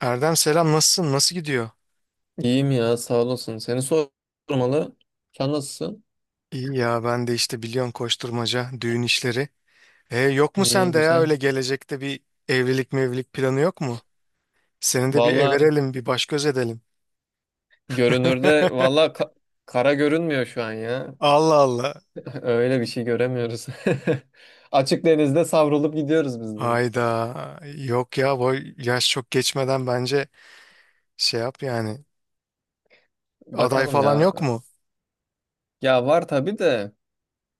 Erdem selam, nasılsın? Nasıl gidiyor? İyiyim ya, sağ olasın. Seni sormalı. Sen nasılsın? İyi ya, ben de işte biliyorsun, koşturmaca, düğün işleri. Yok mu İyi, sende ya güzel. öyle gelecekte bir evlilik mevlilik planı yok mu? Seni de bir Valla, everelim, bir baş göz edelim. görünürde kara görünmüyor şu an ya. Allah Allah. Öyle bir şey göremiyoruz. Açık denizde savrulup gidiyoruz biz de. Hayda. Yok ya, bu yaş çok geçmeden bence şey yap yani. Aday Bakalım falan yok ya. mu? Ya var tabii de,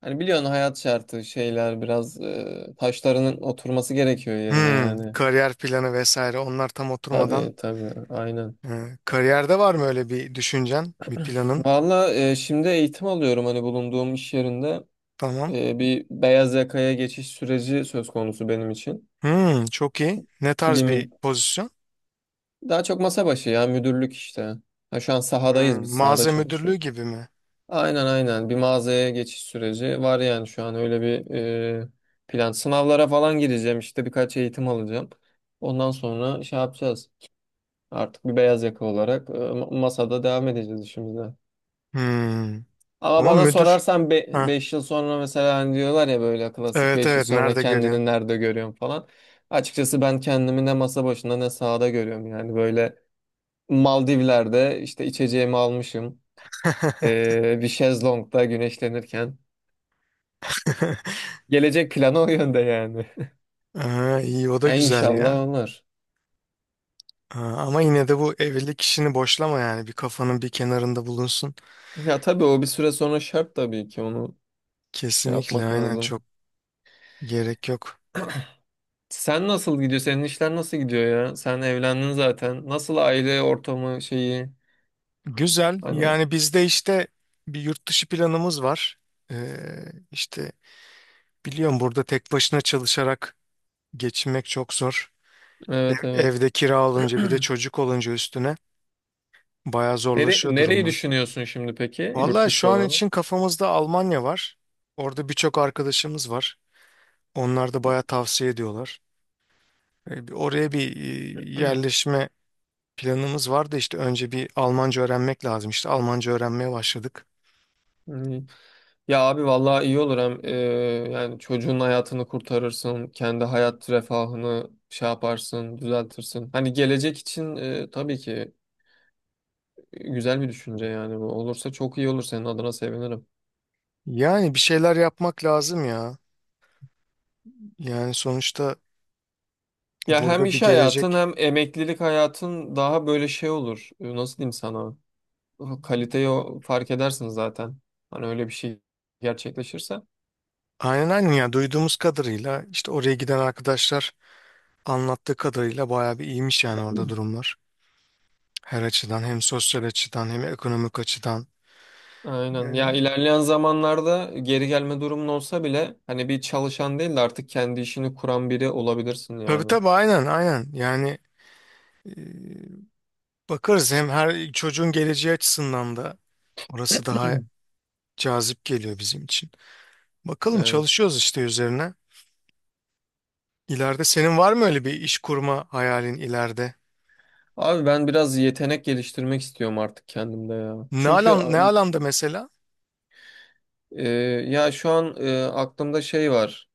hani biliyorsun hayat şartı şeyler biraz taşlarının oturması gerekiyor yerine Hmm, yani. kariyer planı vesaire onlar tam oturmadan. Tabii, tabii, aynen. Kariyerde var mı öyle bir düşüncen, bir planın? Valla, şimdi eğitim alıyorum hani bulunduğum iş yerinde. Tamam. Bir beyaz yakaya geçiş süreci söz konusu benim için. Hmm, çok iyi. Ne Bir tarz bir mü- pozisyon? Daha çok masa başı ya müdürlük işte. Ha, şu an sahadayız, Hmm, biz sahada mağaza müdürlüğü çalışıyoruz. gibi mi? Aynen, aynen, bir mağazaya geçiş süreci var yani şu an, öyle bir plan. Sınavlara falan gireceğim, işte birkaç eğitim alacağım. Ondan sonra şey yapacağız. Artık bir beyaz yaka olarak masada devam edeceğiz işimize. Hmm. Ama Ama bana müdür. sorarsan Ha, 5 yıl sonra, mesela hani diyorlar ya böyle klasik, evet 5 yıl evet, sonra nerede görüyorsun? kendini nerede görüyorum falan. Açıkçası ben kendimi ne masa başında ne sahada görüyorum, yani böyle Maldivler'de işte içeceğimi almışım. Bir şezlongda güneşlenirken. Gelecek planı o yönde yani. Aa, iyi, o da Ya güzel ya. inşallah olur. Aa, ama yine de bu evlilik işini boşlama yani, bir kafanın bir kenarında bulunsun. Ya tabii, o bir süre sonra şart, tabii ki onu şey Kesinlikle, yapmak aynen, lazım. çok gerek yok. Sen nasıl gidiyor? Senin işler nasıl gidiyor ya? Sen evlendin zaten. Nasıl, aile ortamı şeyi? Güzel Hani. yani, bizde işte bir yurt dışı planımız var. İşte biliyorum, burada tek başına çalışarak geçinmek çok zor. Evet, evet. Evde kira olunca, bir de çocuk olunca üstüne bayağı Nere zorlaşıyor nereyi durumlar. düşünüyorsun şimdi peki, yurt Vallahi şu dışı an olarak? için kafamızda Almanya var. Orada birçok arkadaşımız var. Onlar da bayağı tavsiye ediyorlar. Oraya bir yerleşme planımız var da işte önce bir Almanca öğrenmek lazım. İşte Almanca öğrenmeye başladık. Hmm. Ya abi, vallahi iyi olur. Hem yani çocuğun hayatını kurtarırsın, kendi hayat refahını şey yaparsın, düzeltirsin. Hani gelecek için tabii ki güzel bir düşünce, yani bu olursa çok iyi olur, senin adına sevinirim. Yani bir şeyler yapmak lazım ya. Yani sonuçta Ya hem burada bir iş hayatın gelecek. hem emeklilik hayatın daha böyle şey olur. Nasıl diyeyim sana? Kaliteyi fark edersin zaten. Hani öyle bir şey gerçekleşirse. Aynen aynen ya, duyduğumuz kadarıyla işte oraya giden arkadaşlar anlattığı kadarıyla bayağı bir iyiymiş yani orada durumlar. Her açıdan, hem sosyal açıdan hem ekonomik açıdan. Aynen. Ya E, ilerleyen zamanlarda geri gelme durumun olsa bile, hani bir çalışan değil de artık kendi işini kuran biri olabilirsin Tabii yani. tabii, aynen aynen. Yani e, bakarız, hem her çocuğun geleceği açısından da orası daha cazip geliyor bizim için. Bakalım, Evet. çalışıyoruz işte üzerine. İleride senin var mı öyle bir iş kurma hayalin, ileride? Abi, ben biraz yetenek geliştirmek istiyorum artık kendimde ya. Ne Çünkü alan, ne alanda mesela? e, ya şu an aklımda şey var.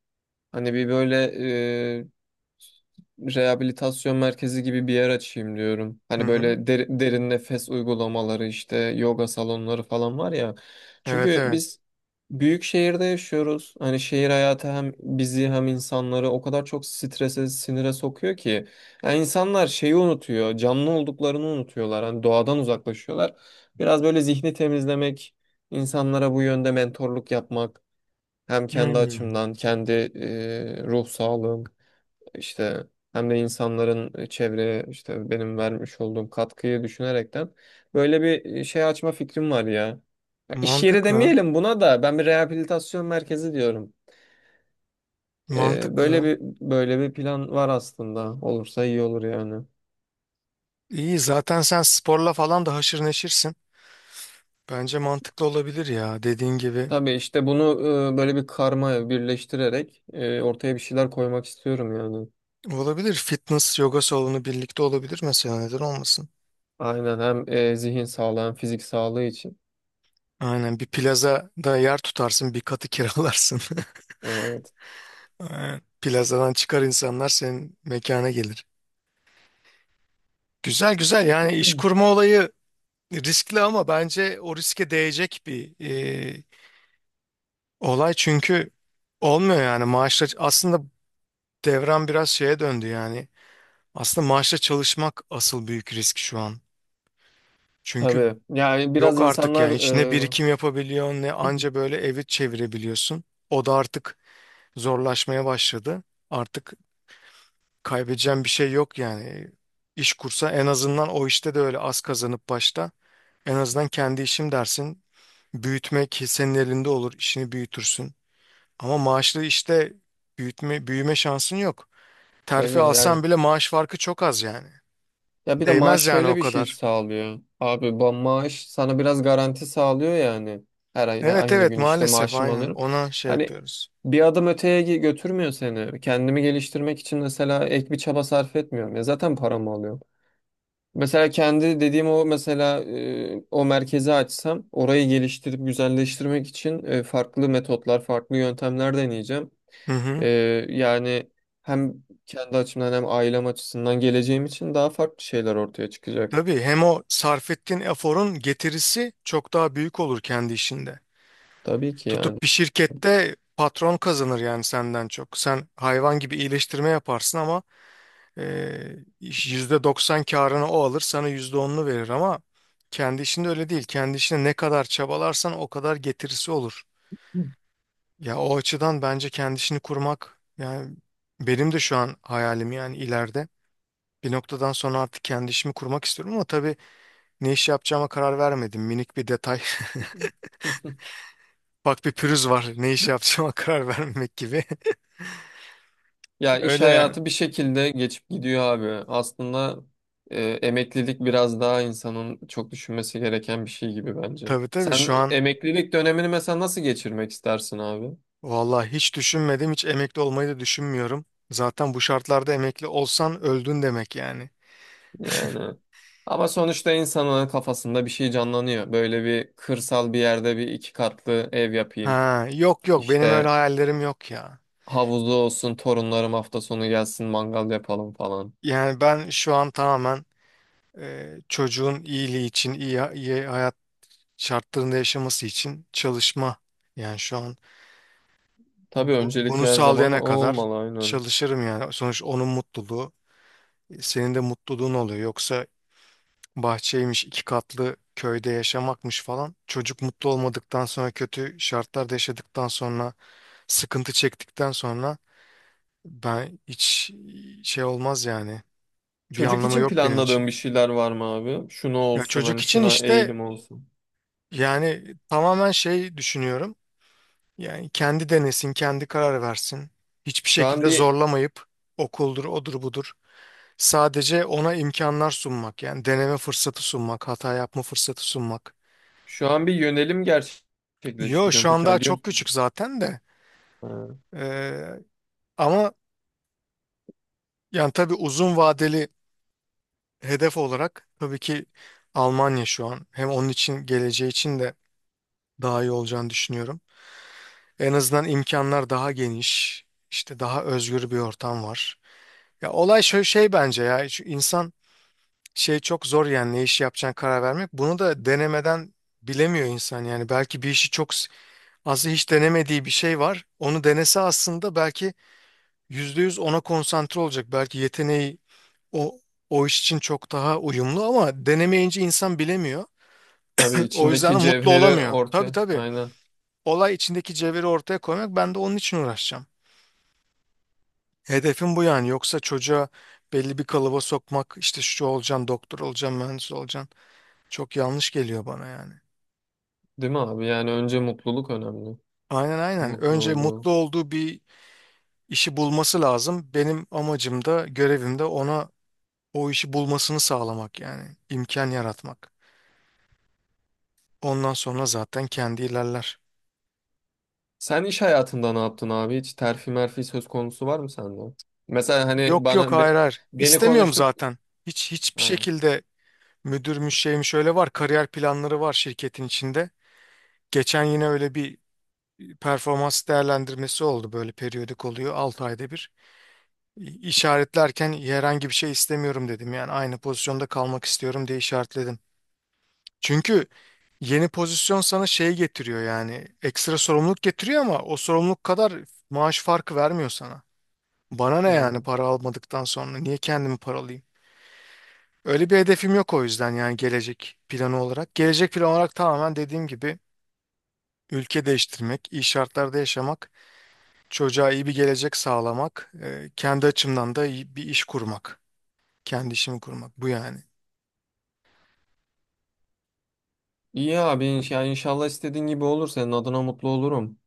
Hani bir böyle e, rehabilitasyon merkezi gibi bir yer açayım diyorum. Hı Hani hı. böyle derin nefes uygulamaları, işte yoga salonları falan var ya. Evet Çünkü evet. biz büyük şehirde yaşıyoruz. Hani şehir hayatı hem bizi hem insanları o kadar çok strese, sinire sokuyor ki. Yani insanlar şeyi unutuyor, canlı olduklarını unutuyorlar. Hani doğadan uzaklaşıyorlar. Biraz böyle zihni temizlemek, insanlara bu yönde mentorluk yapmak. Hem kendi Hmm. açımdan, kendi ruh sağlığım işte, hem de insanların çevreye işte benim vermiş olduğum katkıyı düşünerekten böyle bir şey açma fikrim var ya. Ya, İş yeri Mantıklı. demeyelim buna, da ben bir rehabilitasyon merkezi diyorum. Böyle Mantıklı. bir böyle bir plan var aslında. Olursa iyi olur yani. İyi, zaten sen sporla falan da haşır neşirsin. Bence mantıklı olabilir ya, dediğin gibi. Tabii, işte bunu böyle bir karma birleştirerek ortaya bir şeyler koymak istiyorum yani. Olabilir, fitness yoga salonu birlikte olabilir mesela, neden olmasın. Aynen, hem zihin sağlığı hem fizik sağlığı için. Aynen, bir plazada yer tutarsın, bir katı kiralarsın. Evet. Aynen. Plazadan çıkar insanlar, senin mekana gelir. Güzel güzel, yani iş kurma olayı riskli ama bence o riske değecek bir e, olay, çünkü olmuyor yani maaşla. Aslında devran biraz şeye döndü yani. Aslında maaşla çalışmak asıl büyük risk şu an. Çünkü Tabii. Yani biraz yok artık insanlar yani, hiç ne birikim yapabiliyorsun, ne anca böyle evi çevirebiliyorsun. O da artık zorlaşmaya başladı. Artık kaybedeceğim bir şey yok yani. İş kursa en azından, o işte de öyle az kazanıp başta, en azından kendi işim dersin. Büyütmek senin elinde olur, işini büyütürsün. Ama maaşlı işte büyütme, büyüme şansın yok. Terfi tabii alsan yani. bile maaş farkı çok az yani. Ya bir de maaş Değmez yani şöyle o bir şey kadar. sağlıyor abi. Bu maaş sana biraz garanti sağlıyor yani. Her ay Evet aynı evet, gün işte maalesef maaşımı aynen, alıyorum. ona şey Hani yapıyoruz. bir adım öteye götürmüyor seni. Kendimi geliştirmek için mesela ek bir çaba sarf etmiyorum. Ya zaten paramı alıyorum. Mesela kendi dediğim o, mesela o merkezi açsam orayı geliştirip güzelleştirmek için farklı metotlar, farklı yöntemler deneyeceğim. Hı hı. E, Yani hem kendi açımdan hem ailem açısından geleceğim için daha farklı şeyler ortaya çıkacak. Tabii, hem o sarf ettiğin eforun getirisi çok daha büyük olur kendi işinde. Tabii ki yani. Tutup bir şirkette patron kazanır yani senden çok. Sen hayvan gibi iyileştirme yaparsın ama %90 karını o alır, sana %10'unu verir, ama kendi işinde öyle değil. Kendi işine ne kadar çabalarsan o kadar getirisi olur. Ya o açıdan bence kendi işini kurmak yani, benim de şu an hayalim yani ileride. Bir noktadan sonra artık kendi işimi kurmak istiyorum, ama tabii ne iş yapacağıma karar vermedim. Minik bir detay. Bak, bir pürüz var. Ne iş yapacağıma karar vermemek gibi. Ya, iş Öyle yani. hayatı bir şekilde geçip gidiyor abi. Aslında emeklilik biraz daha insanın çok düşünmesi gereken bir şey gibi, bence. Tabii tabii, Sen şu an emeklilik dönemini mesela nasıl geçirmek istersin abi? vallahi hiç düşünmedim. Hiç emekli olmayı da düşünmüyorum. Zaten bu şartlarda emekli olsan öldün demek yani. Yani ama sonuçta insanın kafasında bir şey canlanıyor. Böyle bir kırsal bir yerde bir iki katlı ev yapayım. Ha, yok yok, benim öyle İşte hayallerim yok ya. havuzu olsun, torunlarım hafta sonu gelsin, mangal yapalım falan. Yani ben şu an tamamen çocuğun iyiliği için, iyi, iyi hayat şartlarında yaşaması için çalışma. Yani şu an Tabii, Bu, öncelik bunu her zaman o sağlayana kadar olmalı, aynen. çalışırım yani. Sonuç onun mutluluğu, senin de mutluluğun oluyor. Yoksa bahçeymiş, 2 katlı köyde yaşamakmış falan. Çocuk mutlu olmadıktan sonra, kötü şartlarda yaşadıktan sonra, sıkıntı çektikten sonra, ben hiç şey olmaz yani. Bir Çocuk anlamı için yok benim için. planladığın bir şeyler var mı abi? Şunu Ya olsun, çocuk hani için şuna işte, eğilim olsun. yani tamamen şey düşünüyorum. Yani kendi denesin, kendi karar versin. Hiçbir Şu an şekilde bir zorlamayıp okuldur, odur budur. Sadece ona imkanlar sunmak yani, deneme fırsatı sunmak, hata yapma fırsatı sunmak. şu an bir yönelim Yo, gerçekleştiriyorum şu an peki daha abi, diyor çok küçük musun? zaten de. Ha, Ee, Ama yani tabii uzun vadeli hedef olarak tabii ki Almanya şu an, hem onun için, geleceği için de daha iyi olacağını düşünüyorum. En azından imkanlar daha geniş, işte daha özgür bir ortam var. Ya olay şöyle şey bence ya, şu insan şey çok zor yani ne iş yapacağına karar vermek. Bunu da denemeden bilemiyor insan yani, belki bir işi çok. Aslında hiç denemediği bir şey var. Onu denese aslında belki %100 ona konsantre olacak. Belki yeteneği o o iş için çok daha uyumlu ama denemeyince insan bilemiyor. tabii, O yüzden içindeki de mutlu cevheri olamıyor. Tabii ortaya. tabii. Aynen. Olay içindeki cevheri ortaya koymak, ben de onun için uğraşacağım. Hedefim bu yani. Yoksa çocuğa belli bir kalıba sokmak, işte şu olacaksın, doktor olacaksın, mühendis olacaksın, çok yanlış geliyor bana yani. Değil mi abi? Yani önce mutluluk önemli. Aynen aynen. Mutlu Önce olduğu. mutlu olduğu bir işi bulması lazım. Benim amacım da, görevim de ona o işi bulmasını sağlamak yani, imkan yaratmak. Ondan sonra zaten kendi ilerler. Sen iş hayatında ne yaptın abi? Hiç terfi merfi söz konusu var mı sende? Mesela hani Yok yok, bana hayır hayır. beni İstemiyorum konuştuk. zaten. Hiç, hiçbir Ha. şekilde müdürmüş şeymiş öyle, var. Kariyer planları var şirketin içinde. Geçen yine öyle bir performans değerlendirmesi oldu. Böyle periyodik oluyor, 6 ayda bir. İşaretlerken herhangi bir şey istemiyorum dedim. Yani aynı pozisyonda kalmak istiyorum diye işaretledim. Çünkü yeni pozisyon sana şey getiriyor yani, ekstra sorumluluk getiriyor ama o sorumluluk kadar maaş farkı vermiyor sana. Bana ne yani, Hmm. para almadıktan sonra niye kendimi paralayayım? Öyle bir hedefim yok o yüzden yani, gelecek planı olarak. Gelecek planı olarak tamamen dediğim gibi, ülke değiştirmek, iyi şartlarda yaşamak, çocuğa iyi bir gelecek sağlamak, kendi açımdan da iyi bir iş kurmak, kendi işimi kurmak, bu yani. İyi abi, ya inşallah istediğin gibi olur. Senin adına mutlu olurum.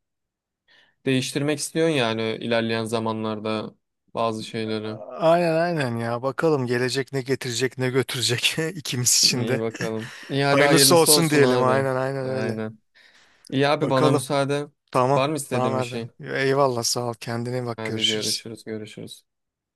Değiştirmek istiyorsun yani, ilerleyen zamanlarda bazı şeyleri. Aynen aynen ya, bakalım gelecek ne getirecek, ne götürecek ikimiz için İyi, de. bakalım. İyi, hadi Hayırlısı hayırlısı olsun olsun diyelim. abi. Aynen aynen, öyle. Aynen. İyi abi, bana Bakalım. müsaade. Tamam. Var mı istediğin Tamam bir Erdem. şey? Eyvallah, sağ ol. Kendine iyi bak, Hadi, görüşürüz. görüşürüz, görüşürüz.